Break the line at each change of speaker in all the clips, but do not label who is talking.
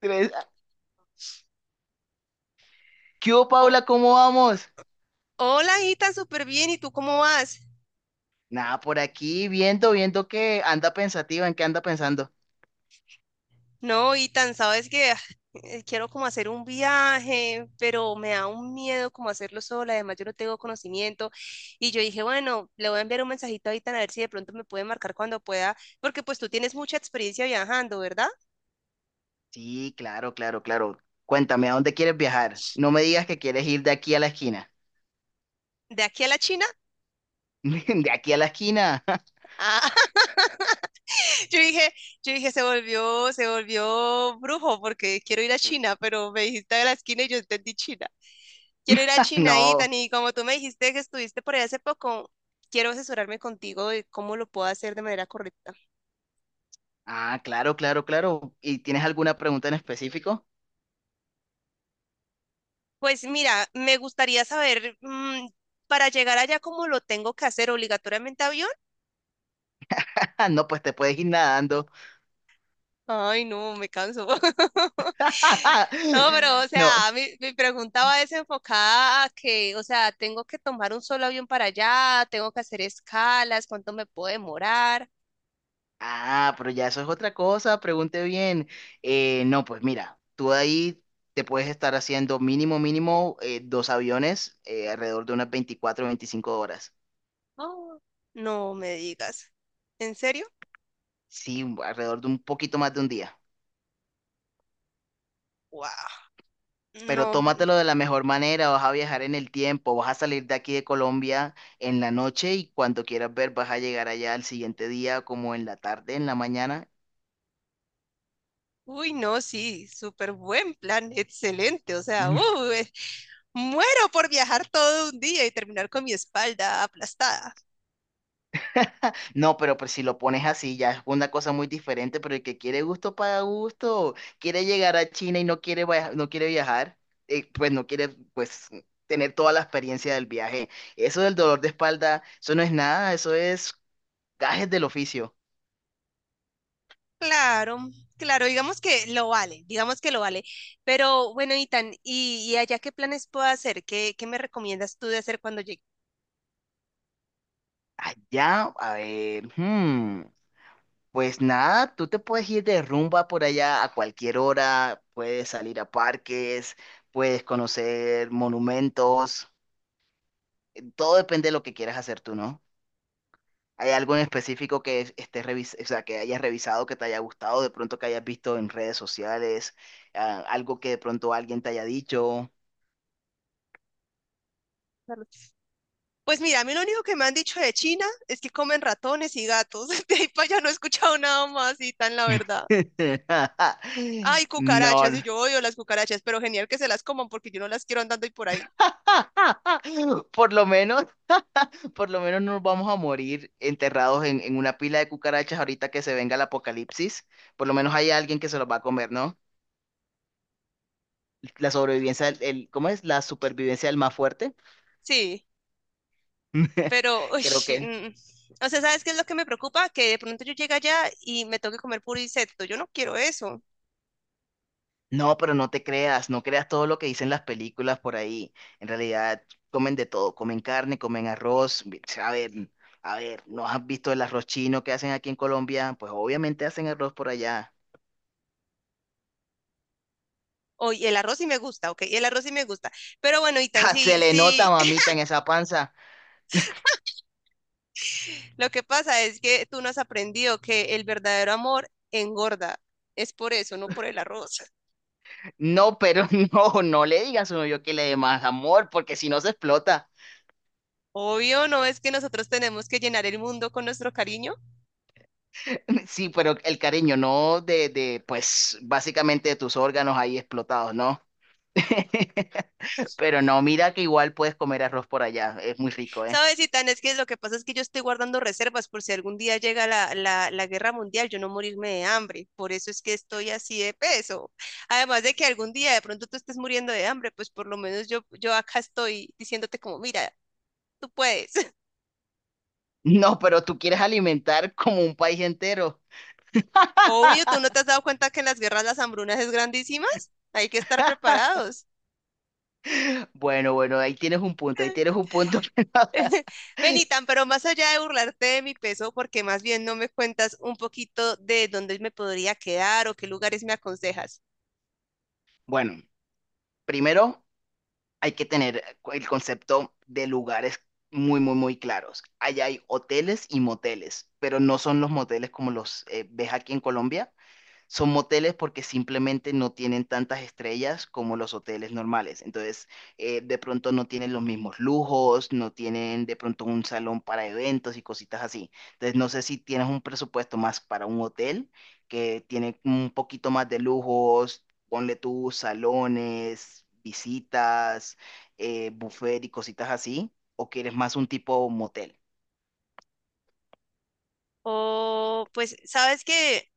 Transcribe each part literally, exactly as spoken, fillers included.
Tres. ¿Qué hubo,
O-
Paula? ¿Cómo vamos?
hola, Itan, súper bien. ¿Y tú cómo vas?
Nada, por aquí viendo, viendo que anda pensativa, ¿en qué anda pensando?
No, Itan, sabes que ah, eh, quiero como hacer un viaje, pero me da un miedo como hacerlo sola. Además, yo no tengo conocimiento. Y yo dije, bueno, le voy a enviar un mensajito a Itan a ver si de pronto me puede marcar cuando pueda, porque pues tú tienes mucha experiencia viajando, ¿verdad?
Sí, claro, claro, claro. Cuéntame, ¿a dónde quieres viajar? No me digas que quieres ir de aquí a la esquina.
¿De aquí a la China?
¿De aquí a la esquina?
ah, Yo dije, yo dije, se volvió, se volvió brujo porque quiero ir a China, pero me dijiste de la esquina y yo entendí China. Quiero ir a China,
No.
Ethan, y como tú me dijiste que estuviste por allá hace poco, quiero asesorarme contigo de cómo lo puedo hacer de manera correcta.
Ah, claro, claro, claro. ¿Y tienes alguna pregunta en específico?
Pues mira, me gustaría saber, mm, para llegar allá, ¿cómo lo tengo que hacer? ¿Obligatoriamente avión?
No, pues te puedes ir nadando.
Ay, no, me canso. No, pero, o
No,
sea, mi, mi pregunta va desenfocada a que, o sea, tengo que tomar un solo avión para allá, tengo que hacer escalas, ¿cuánto me puedo demorar?
ah, pero ya eso es otra cosa, pregunte bien. Eh, no, pues mira, tú ahí te puedes estar haciendo mínimo, mínimo eh, dos aviones eh, alrededor de unas veinticuatro o veinticinco horas.
Oh, no me digas. ¿En serio?
Sí, alrededor de un poquito más de un día.
Wow.
Pero
No,
tómatelo de la mejor manera, vas a viajar en el tiempo, vas a salir de aquí de Colombia en la noche y cuando quieras ver vas a llegar allá al siguiente día como en la tarde, en la mañana.
uy, no, sí, súper buen plan, excelente, o sea, uh, eh, muero por viajar todo un día y terminar con mi espalda aplastada.
No, pero pues si lo pones así ya es una cosa muy diferente, pero el que quiere gusto paga gusto, quiere llegar a China y no quiere, via- no quiere viajar, eh, pues no quiere pues tener toda la experiencia del viaje. Eso del dolor de espalda, eso no es nada, eso es gajes del oficio.
Claro, claro, digamos que lo vale, digamos que lo vale. Pero bueno, Itan, ¿y, y allá qué planes puedo hacer? ¿Qué, qué me recomiendas tú de hacer cuando llegue?
Allá, a ver, hmm, pues nada, tú te puedes ir de rumba por allá a cualquier hora, puedes salir a parques, puedes conocer monumentos, eh, todo depende de lo que quieras hacer tú, ¿no? ¿Hay algo en específico que es- estés revis- o sea, que hayas revisado, que te haya gustado, de pronto que hayas visto en redes sociales, ah, algo que de pronto alguien te haya dicho?
Pues mira, a mí lo único que me han dicho de China es que comen ratones y gatos. De ahí para allá no he escuchado nada más, Itan, la verdad. Ay, cucarachas,
No.
y yo odio las cucarachas, pero genial que se las coman porque yo no las quiero andando y por ahí.
Por lo menos, por lo menos no nos vamos a morir enterrados en, en una pila de cucarachas ahorita que se venga el apocalipsis. Por lo menos hay alguien que se los va a comer, ¿no? La sobrevivencia, del- el, ¿cómo es? La supervivencia del más fuerte.
Sí, pero, uy,
Creo que.
mm, o sea, ¿sabes qué es lo que me preocupa? Que de pronto yo llegue allá y me toque comer puro insecto. Yo no quiero eso.
No, pero no te creas, no creas todo lo que dicen las películas por ahí. En realidad comen de todo, comen carne, comen arroz. Mi- A ver, a ver, ¿no has visto el arroz chino que hacen aquí en Colombia? Pues obviamente hacen arroz por allá.
Oh, y el arroz sí me gusta, ok, y el arroz sí me gusta. Pero bueno, Itan,
¡Ja! Se
sí,
le nota,
sí,
mamita, en esa panza.
lo que pasa es que tú no has aprendido que el verdadero amor engorda. Es por eso, no por el arroz.
No, pero no, no le digas a uno yo que le dé más amor, porque si no se explota.
Obvio, no es que nosotros tenemos que llenar el mundo con nuestro cariño.
Sí, pero el cariño, no de, de, pues, básicamente de tus órganos ahí explotados, ¿no? Pero no, mira que igual puedes comer arroz por allá, es muy rico, ¿eh?
Sabes, Itan, es que lo que pasa es que yo estoy guardando reservas por si algún día llega la, la, la guerra mundial, yo no morirme de hambre. Por eso es que estoy así de peso. Además de que algún día de pronto tú estés muriendo de hambre, pues por lo menos yo, yo acá estoy diciéndote como, mira, tú puedes.
No, pero tú quieres alimentar como un país entero.
Obvio, ¿tú no te has dado cuenta que en las guerras las hambrunas es grandísimas? Hay que estar preparados.
Bueno, bueno, ahí tienes un punto, ahí tienes un punto.
Benitan, pero más allá de burlarte de mi peso, porque más bien no me cuentas un poquito de dónde me podría quedar o qué lugares me aconsejas.
Bueno, primero hay que tener el concepto de lugares muy, muy, muy claros. Allá hay hoteles y moteles, pero no son los moteles como los eh, ves aquí en Colombia. Son moteles porque simplemente no tienen tantas estrellas como los hoteles normales. Entonces, eh, de pronto no tienen los mismos lujos, no tienen de pronto un salón para eventos y cositas así. Entonces, no sé si tienes un presupuesto más para un hotel que tiene un poquito más de lujos, ponle tú salones, visitas, eh, buffet y cositas así, o quieres más un tipo motel.
O pues, sabes que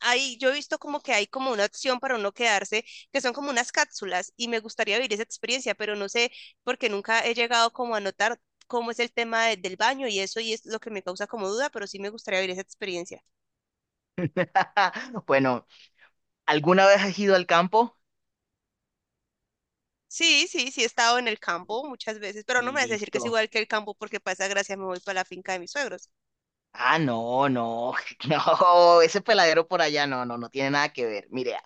hay, yo he visto como que hay como una opción para uno quedarse, que son como unas cápsulas y me gustaría vivir esa experiencia, pero no sé porque nunca he llegado como a notar cómo es el tema de- del baño y eso y es lo que me causa como duda, pero sí me gustaría vivir esa experiencia.
Bueno, ¿alguna vez has ido al campo?
Sí, sí, sí he estado en el campo muchas veces, pero no me vas a decir que es
Listo.
igual que el campo porque para esa gracia me voy para la finca de mis suegros.
Ah, no, no, no, ese peladero por allá no, no, no tiene nada que ver. Mire,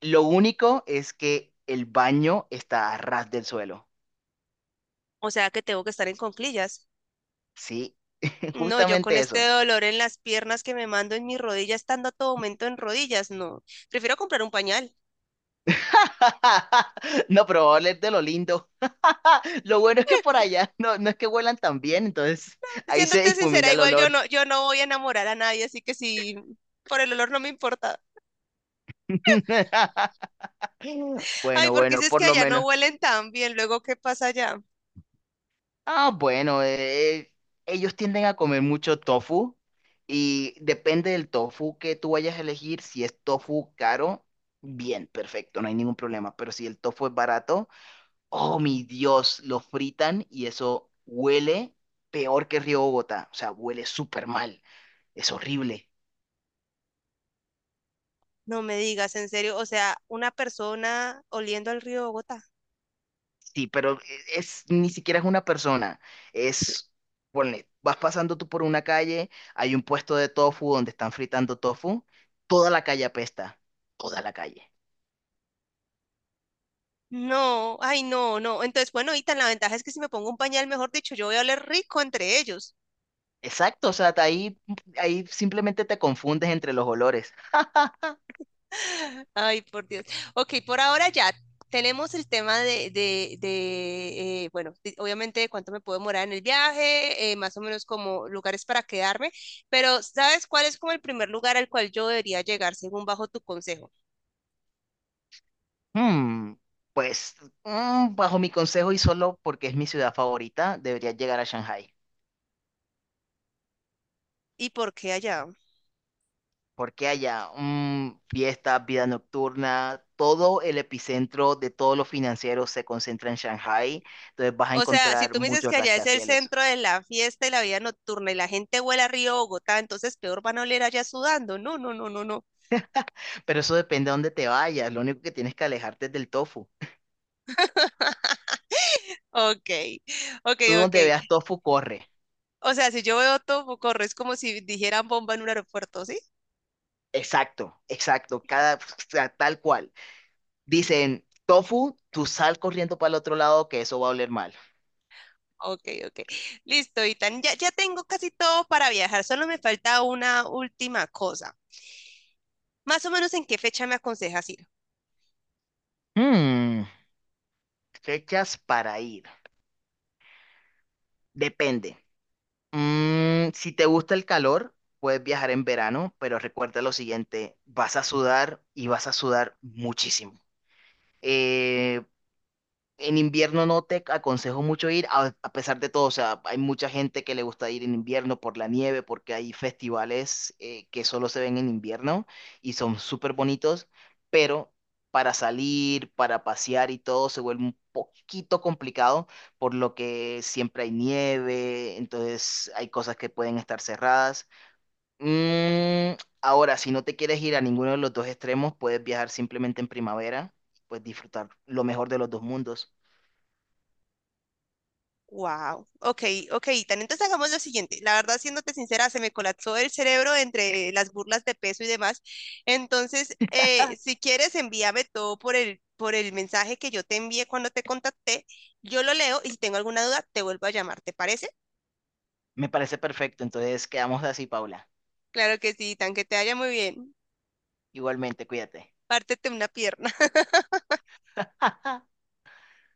lo único es que el baño está a ras del suelo,
O sea que tengo que estar en conclillas.
¿sí?
No, yo con
Justamente
este
eso.
dolor en las piernas que me mando en mis rodillas, estando a todo momento en rodillas, no. Prefiero comprar un pañal.
No, pero va a oler de lo lindo. Lo bueno es que por allá no, no es que huelan tan bien, entonces ahí se
Siéndote sincera,
difumina el
igual yo
olor.
no, yo no voy a enamorar a nadie, así que sí, por el olor no me importa. Ay,
Bueno,
porque si
bueno,
es que
por lo
allá no
menos.
huelen tan bien, luego ¿qué pasa allá?
Ah, bueno, eh, ellos tienden a comer mucho tofu y depende del tofu que tú vayas a elegir. Si es tofu caro, bien, perfecto, no hay ningún problema. Pero si el tofu es barato, oh mi Dios, lo fritan y eso huele peor que Río Bogotá. O sea, huele súper mal, es horrible.
No me digas, en serio, o sea, una persona oliendo al río Bogotá.
Sí, pero eh, es ni siquiera es una persona, es, ponle, vas pasando tú por una calle, hay un puesto de tofu donde están fritando tofu, toda la calle apesta, toda la calle.
No, ay, no, no. Entonces, bueno, y ahorita la ventaja es que si me pongo un pañal, mejor dicho, yo voy a oler rico entre ellos.
Exacto, o sea, te- ahí, ahí simplemente te confundes entre los olores.
Ay, por Dios. Ok, por ahora ya tenemos el tema de, de, de, eh, bueno, de- obviamente de cuánto me puedo demorar en el viaje, eh, más o menos como lugares para quedarme, pero ¿sabes cuál es como el primer lugar al cual yo debería llegar según bajo tu consejo?
Hmm, pues, mm, bajo mi consejo y solo porque es mi ciudad favorita, deberías llegar a Shanghái.
¿Y por qué allá?
Porque allá mm, fiestas, vida nocturna, todo el epicentro de todos los financieros se concentra en Shanghai, entonces vas a
O sea, si
encontrar
tú me dices que
muchos
allá es el
rascacielos.
centro de la fiesta y la vida nocturna y la gente huele a Río Bogotá, entonces peor van a oler allá sudando. No, no, no, no, no.
Pero eso depende de dónde te vayas, lo único que tienes que alejarte es del tofu.
Ok, ok,
Tú
ok.
donde veas tofu, corre.
O sea, si yo veo todo, corre, es como si dijeran bomba en un aeropuerto, ¿sí?
Exacto, exacto, cada, o sea, tal cual. Dicen, tofu, tú sal corriendo para el otro lado que eso va a oler mal.
Ok, ok. Listo, Itan. Ya, ya tengo casi todo para viajar, solo me falta una última cosa. Más o menos en qué fecha me aconsejas ir.
Hmm, fechas para ir. Depende. Mm, si te gusta el calor, puedes viajar en verano, pero recuerda lo siguiente, vas a sudar y vas a sudar muchísimo. En invierno no te aconsejo mucho ir, a, a pesar de todo, o sea, hay mucha gente que le gusta ir en invierno por la nieve, porque hay festivales eh, que solo se ven en invierno y son súper bonitos, pero para salir, para pasear y todo se vuelve un poquito complicado, por lo que siempre hay nieve, entonces hay cosas que pueden estar cerradas. Mm, ahora, si no te quieres ir a ninguno de los dos extremos, puedes viajar simplemente en primavera, pues disfrutar lo mejor de los dos mundos.
Wow, ok, ok, Tan. Entonces hagamos lo siguiente. La verdad, siéndote sincera, se me colapsó el cerebro entre las burlas de peso y demás. Entonces, eh, si quieres, envíame todo por el, por el mensaje que yo te envié cuando te contacté. Yo lo leo y si tengo alguna duda, te vuelvo a llamar. ¿Te parece?
Me parece perfecto, entonces quedamos así, Paula.
Claro que sí, tan que te vaya muy bien.
Igualmente, cuídate.
Pártete una pierna.